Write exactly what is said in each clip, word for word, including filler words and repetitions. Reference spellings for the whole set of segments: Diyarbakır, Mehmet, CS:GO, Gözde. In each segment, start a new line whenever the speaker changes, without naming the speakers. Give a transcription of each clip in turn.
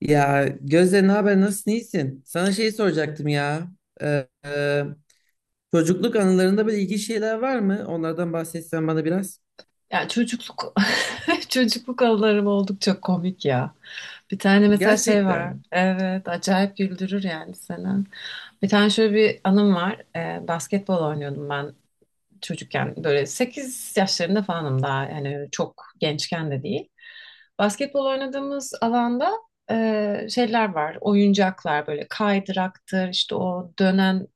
Ya Gözde ne haber, nasılsın, iyisin? Sana şey soracaktım ya. Ee, e, çocukluk anılarında böyle ilginç şeyler var mı? Onlardan bahsetsen bana biraz.
Ya çocukluk çocukluk anılarım oldukça komik ya. Bir tane mesela şey var.
Gerçekten.
Evet, acayip güldürür yani seni. Bir tane şöyle bir anım var. Ee, basketbol oynuyordum ben çocukken. Böyle sekiz yaşlarında falanım daha. Yani çok gençken de değil. Basketbol oynadığımız alanda e, şeyler var. Oyuncaklar böyle kaydıraktır, işte o dönen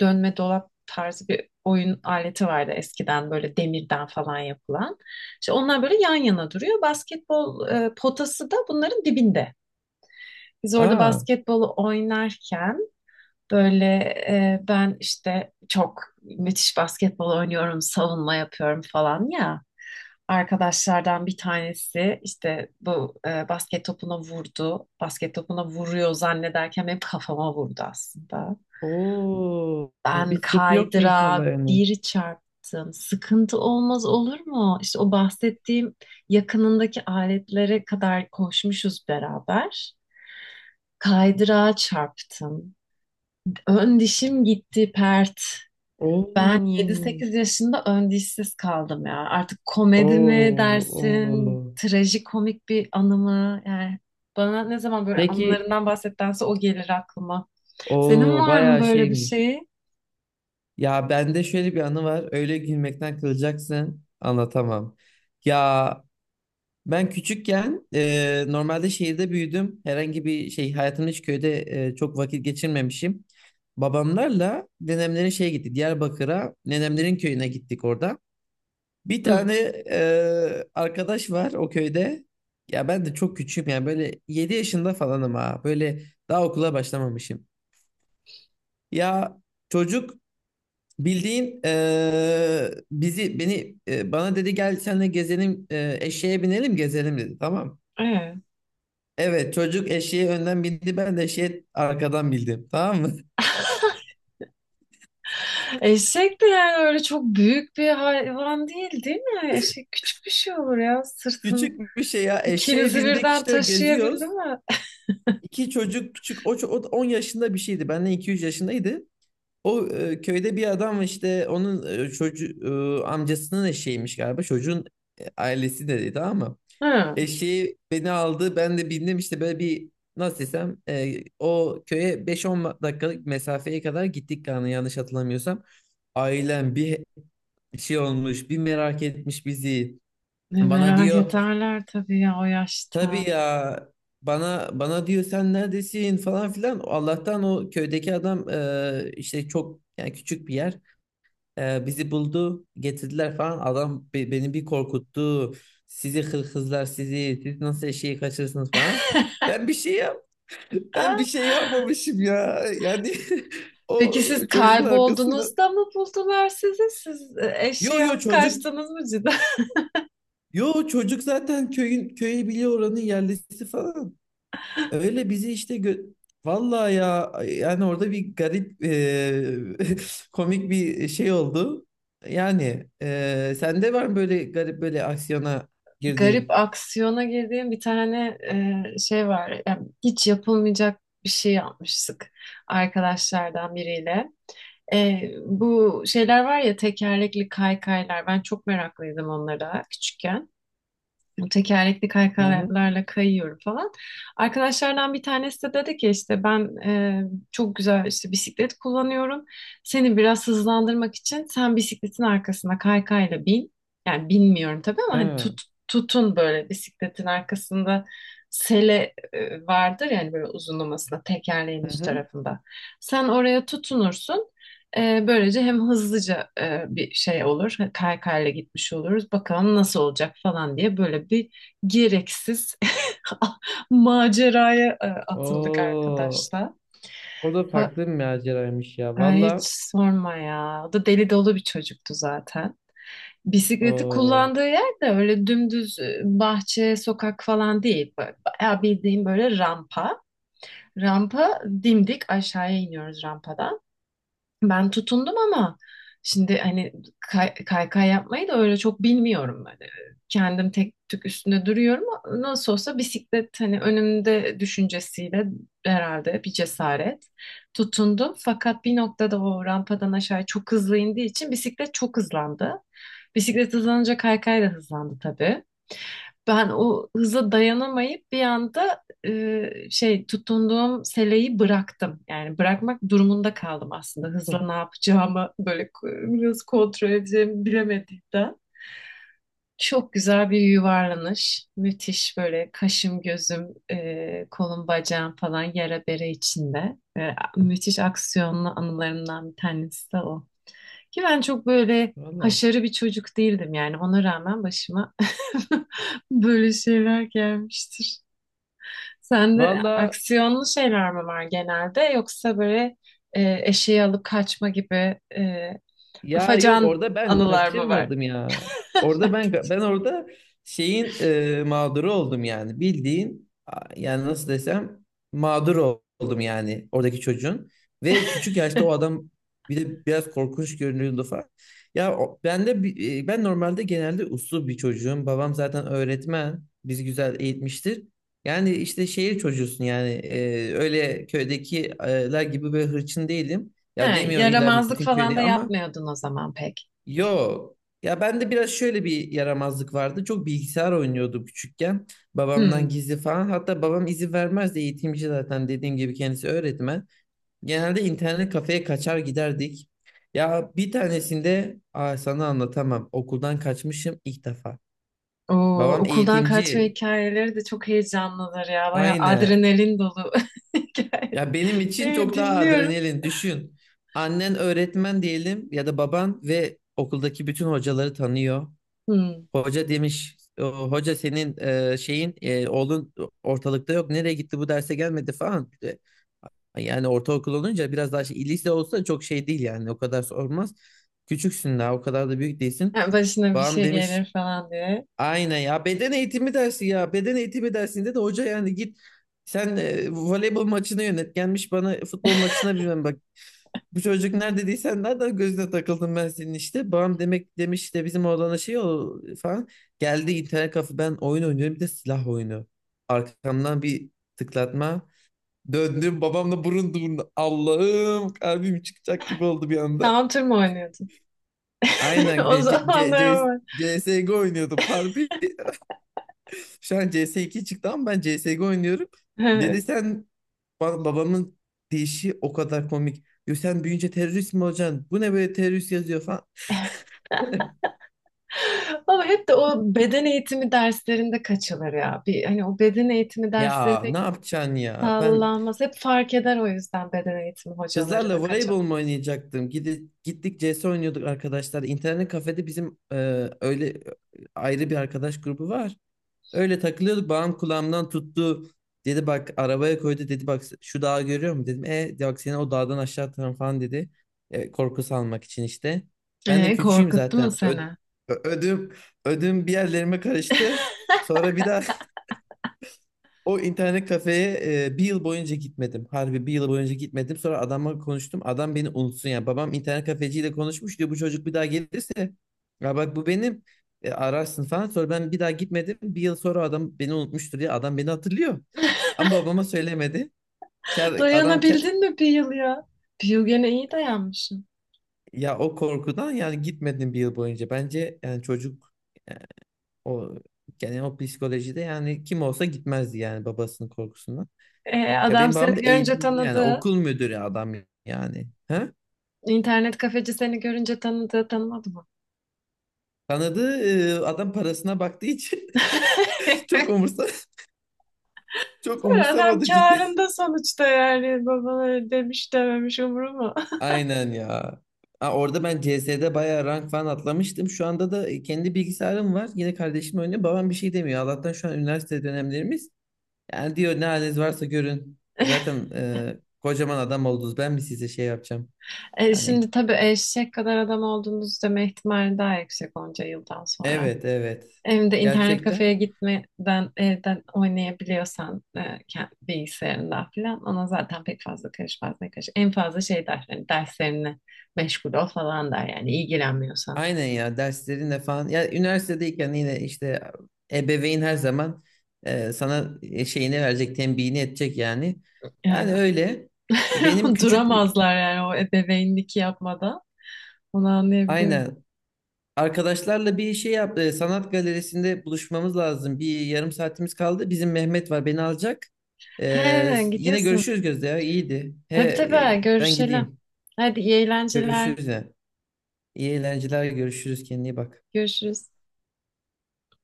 dönme dolap tarzı bir oyun aleti vardı eskiden böyle demirden falan yapılan. İşte onlar böyle yan yana duruyor. Basketbol e, potası da bunların dibinde. Biz orada
Aa.
basketbolu oynarken böyle e, ben işte çok müthiş basketbol oynuyorum, savunma yapıyorum falan ya, arkadaşlardan bir tanesi işte bu e, basket topuna vurdu. Basket topuna vuruyor zannederken hep kafama vurdu aslında.
Oo.
Ben
Bir sıkıntı yoktu inşallah
kaydıra
yani.
bir çarptım. Sıkıntı olmaz olur mu? İşte o bahsettiğim yakınındaki aletlere kadar koşmuşuz beraber. Kaydıra çarptım. Ön dişim gitti pert.
Oo.
Ben yedi sekiz yaşında ön dişsiz kaldım ya. Artık komedi mi
Oo.
dersin,
Oo.
trajikomik bir anı mı? Yani bana ne zaman böyle
Peki,
anılarından bahsettense o gelir aklıma. Senin
o
var mı
bayağı
böyle bir
şeymiş.
şey?
Ya bende şöyle bir anı var. Öyle gülmekten kılacaksın. Anlatamam. Ya, ben küçükken e, normalde şehirde büyüdüm. Herhangi bir şey hayatımda hiç köyde e, çok vakit geçirmemişim. Babamlarla nenemlerin şeye gittik. Diyarbakır'a nenemlerin köyüne gittik orada. Bir
Hı.
tane e, arkadaş var o köyde. Ya ben de çok küçüğüm yani böyle yedi yaşında falanım ha. Böyle daha okula başlamamışım. Ya çocuk bildiğin e, bizi beni e, bana dedi gel seninle gezelim, e, eşeğe binelim gezelim dedi, tamam.
Evet.
Evet, çocuk eşeğe önden bindi, ben de eşeğe arkadan bindim, tamam mı?
Eşek de yani öyle çok büyük bir hayvan değil, değil mi? Eşek küçük bir şey olur ya. Sırtın
Küçük bir şey ya, eşeğe
ikinizi
bindik
birden
işte, geziyoruz.
taşıyabildi mi?
İki çocuk küçük, o, ço- o da on yaşında bir şeydi, benden iki üç yaşındaydı. O, e, köyde bir adam, işte onun e, çocuğu, e, amcasının eşeğiymiş galiba çocuğun. E, ailesi de dedi tamam mı?
Hı.
Eşeği beni aldı, ben de bindim işte, böyle bir nasıl desem, e, o köye beş on dakikalık mesafeye kadar gittik yani, yanlış hatırlamıyorsam. Ailem bir, bir şey olmuş, bir merak etmiş bizi.
Ne
Bana
merak
diyor,
ederler tabii ya o yaşta.
tabii ya, bana bana diyor sen neredesin falan filan. Allah'tan o köydeki adam, e, işte çok yani, küçük bir yer. E, bizi buldu, getirdiler falan. Adam be- beni bir korkuttu. Sizi hırkızlar sizi, siz nasıl eşeği kaçırırsınız falan. Ben bir şey yap ben bir şey yapmamışım ya. Yani o
Peki siz
çocuğun arkasında.
kaybolduğunuzda mı buldular sizi? Siz e,
Yo
eşeği
yo
alıp
çocuk
kaçtınız mı cidden?
Yo çocuk zaten köyün, köyü biliyor, oranın yerlisi falan. Öyle bizi işte gö- vallahi ya, yani orada bir garip eee, komik bir şey oldu. Yani eee sende var mı böyle garip, böyle aksiyona
Garip
girdiğin?
aksiyona girdiğim bir tane e, şey var. Yani hiç yapılmayacak bir şey yapmıştık arkadaşlardan biriyle. E, bu şeyler var ya, tekerlekli kaykaylar. Ben çok meraklıydım onlara küçükken. Bu tekerlekli
Hı hı.
kaykalarla kayıyorum falan. Arkadaşlardan bir tanesi de dedi ki işte ben e, çok güzel işte bisiklet kullanıyorum. Seni biraz hızlandırmak için sen bisikletin arkasına kaykayla bin. Yani bilmiyorum tabii ama hani
Ha.
tut, tutun böyle bisikletin arkasında sele e, vardır yani, böyle uzunlamasına tekerleğin
Hı
üst
hı.
tarafında. Sen oraya tutunursun. Ee, böylece hem hızlıca e, bir şey olur, kaykayla gitmiş oluruz. Bakalım nasıl olacak falan diye böyle bir gereksiz maceraya e, atıldık
Oo,
arkadaşlar.
o da
Ha-
farklı bir maceraymış ya.
Ay, hiç
Valla.
sorma ya. O da deli dolu bir çocuktu zaten. Bisikleti
Oo.
kullandığı yer de öyle dümdüz e, bahçe, sokak falan değil. Ba- Bayağı bildiğim böyle rampa. Rampa dimdik aşağıya iniyoruz rampadan. Ben tutundum ama, şimdi hani kay, kaykay yapmayı da öyle çok bilmiyorum. Hani kendim tek tük üstünde duruyorum. Nasıl olsa bisiklet hani önümde düşüncesiyle herhalde bir cesaret tutundum. Fakat bir noktada o rampadan aşağı çok hızlı indiği için bisiklet çok hızlandı. Bisiklet hızlanınca kaykay da hızlandı tabii. Ben o hıza dayanamayıp bir anda e, şey tutunduğum seleyi bıraktım. Yani bırakmak durumunda kaldım aslında.
Huh.
Hızla ne yapacağımı böyle ko- nasıl kontrol edeceğimi bilemediğimden. Çok güzel bir yuvarlanış. Müthiş böyle kaşım gözüm e, kolum bacağım falan yara bere içinde. E, müthiş aksiyonlu anılarımdan bir tanesi de o. Ki ben çok böyle
Valla.
haşarı bir çocuk değildim, yani ona rağmen başıma böyle şeyler gelmiştir. Sende
Valla,
aksiyonlu şeyler mi var genelde, yoksa böyle e, eşeği alıp kaçma gibi e,
ya yok,
afacan
orada ben
anılar mı var?
kaçırmadım ya. Orada ben ben orada şeyin, e, mağduru oldum yani. Bildiğin a- yani nasıl desem, mağdur ol- oldum yani oradaki çocuğun. Ve küçük yaşta o adam bir de biraz korkunç görünüyordu falan. Ya o- ben de bi- e, ben normalde genelde uslu bir çocuğum. Babam zaten öğretmen. Bizi güzel eğitmiştir. Yani işte şehir çocuğusun yani, e, öyle köydekiler gibi böyle hırçın değilim.
Ha,
Ya demiyorum illa
yaramazlık
bütün
falan da
köyde ama.
yapmıyordun o zaman pek.
Yok. Ya bende biraz şöyle bir yaramazlık vardı. Çok bilgisayar oynuyordum küçükken. Babamdan
Hmm.
gizli falan. Hatta babam izin vermezdi. Eğitimci zaten, dediğim gibi kendisi öğretmen. Genelde internet kafeye kaçar giderdik. Ya bir tanesinde, aa, sana anlatamam. Okuldan kaçmışım ilk defa.
Oo,
Babam
okuldan kaçma
eğitimci.
hikayeleri de çok heyecanlıdır ya. Bayağı
Aynen.
adrenalin dolu hikaye.
Ya benim için
Evet,
çok daha
dinliyorum.
adrenalin. Düşün. Annen öğretmen diyelim ya da baban, ve okuldaki bütün hocaları tanıyor.
Hmm.
Hoca demiş, "O, hoca senin e, şeyin e, oğlun ortalıkta yok. Nereye gitti, bu derse gelmedi falan. E, Yani ortaokul olunca biraz daha şey, lise olsa çok şey değil yani, o kadar sormaz. Küçüksün daha, o kadar da büyük değilsin.
Yani başına bir
Babam
şey
demiş,
gelir falan diye.
aynen ya, beden eğitimi dersi, ya beden eğitimi dersinde de hoca yani git sen e, voleybol maçını yönet, gelmiş bana futbol maçına, bilmem bu çocuk nerede değilsen, nereden gözüne takıldım ben senin işte. Babam demek demiş de bizim oğlana şey o falan. Geldi internet kafe, ben oyun oynuyorum, bir de silah oyunu. Arkamdan bir tıklatma. Döndüm, babamla burun burun. Allah'ım, kalbim çıkacak gibi oldu bir anda.
Counter mı oynuyordun?
Aynen,
O
e, C- C- C- C
zamanlar
S
ama.
C S G O oynuyordum harbi. Şu an C S iki çıktı ama ben C S C S G O oynuyorum. Dedi
Evet.
sen, ba- babamın deyişi o kadar komik. Diyor sen büyüyünce terörist mi olacaksın? Bu ne böyle, terörist yazıyor falan.
Ama hep de o beden eğitimi derslerinde kaçılır ya. Bir, hani o beden eğitimi dersleri
Ya
pek
ne yapacaksın ya? Ben
sağlanmaz. Hep fark eder, o yüzden beden eğitimi hocaları da
kızlarla
kaçar.
voleybol mu oynayacaktım? Gidi, gittik C S oynuyorduk arkadaşlar. İnternet kafede bizim e, öyle e, ayrı bir arkadaş grubu var. Öyle takılıyorduk. Bağım kulağımdan tuttu. Dedi bak, arabaya koydu. Dedi bak şu dağı görüyor musun? Dedim, e bak seni o dağdan aşağı atarım falan dedi. E, korku salmak için işte. Ben de
Ee,
küçüğüm
korkuttu mu
zaten. Ö-
seni?
ö- ödüm ödüm bir yerlerime karıştı. Sonra bir daha o internet kafeye e, bir yıl boyunca gitmedim. Harbi bir yıl boyunca gitmedim. Sonra adamla konuştum. Adam beni unutsun yani. Babam internet kafeciyle konuşmuş diyor. Bu çocuk bir daha gelirse, ya bak bu benim, E, ararsın falan. Sonra ben bir daha gitmedim. Bir yıl sonra adam beni unutmuştur diye, adam beni hatırlıyor. Ama babama söylemedi. Ker, adam ker-
Dayanabildin mi bir yıl ya? Bir yıl gene iyi dayanmışsın.
ya o korkudan yani gitmedim bir yıl boyunca. Bence yani çocuk, e, o yani o psikolojide yani, kim olsa gitmezdi yani babasının korkusundan.
Ee,
Ya
adam
benim
seni
babam da
görünce
eğitimci yani,
tanıdı.
okul müdürü adam yani. Ha?
İnternet kafeci seni görünce tanıdı. Tanımadı mı?
Tanıdığı, e, adam parasına baktığı için çok umursa çok
Adam
umursamadı cidden.
kârında sonuçta, yani babaları demiş dememiş umuruma.
Aynen ya. Aa, orada ben C S'de bayağı rank falan atlamıştım. Şu anda da kendi bilgisayarım var. Yine kardeşim oynuyor. Babam bir şey demiyor. Allah'tan şu an üniversite dönemlerimiz. Yani diyor ne haliniz varsa görün. Zaten e, kocaman adam oldunuz. Ben mi size şey yapacağım?
E,
Yani,
şimdi tabii eşek kadar adam olduğumuzu deme ihtimali daha yüksek onca yıldan sonra.
evet evet.
Hem de internet kafeye
Gerçekten,
gitmeden evden oynayabiliyorsan e, kend- bilgisayarından falan ona zaten pek fazla karışmaz ne karış. En fazla şey der, hani derslerine meşgul ol falan der yani ilgilenmiyorsan.
aynen ya, derslerinle falan. Ya üniversitedeyken yine işte, ebeveyn her zaman e, sana e, şeyini verecek, tembihini edecek yani. Yani
E,
öyle. Benim küçük bir,
Duramazlar yani o ebeveynlik yapmadan. Onu anlayabiliyorum.
aynen, arkadaşlarla bir şey yap, e, sanat galerisinde buluşmamız lazım. Bir yarım saatimiz kaldı. Bizim Mehmet var, beni alacak.
He,
E, yine
gidiyorsun.
görüşürüz Gözde, ya iyiydi. He,
Tabii
e,
tabii,
ben
görüşelim.
gideyim.
Hadi iyi eğlenceler.
Görüşürüz ya. İyi eğlenceler, görüşürüz, kendine iyi bak.
Görüşürüz.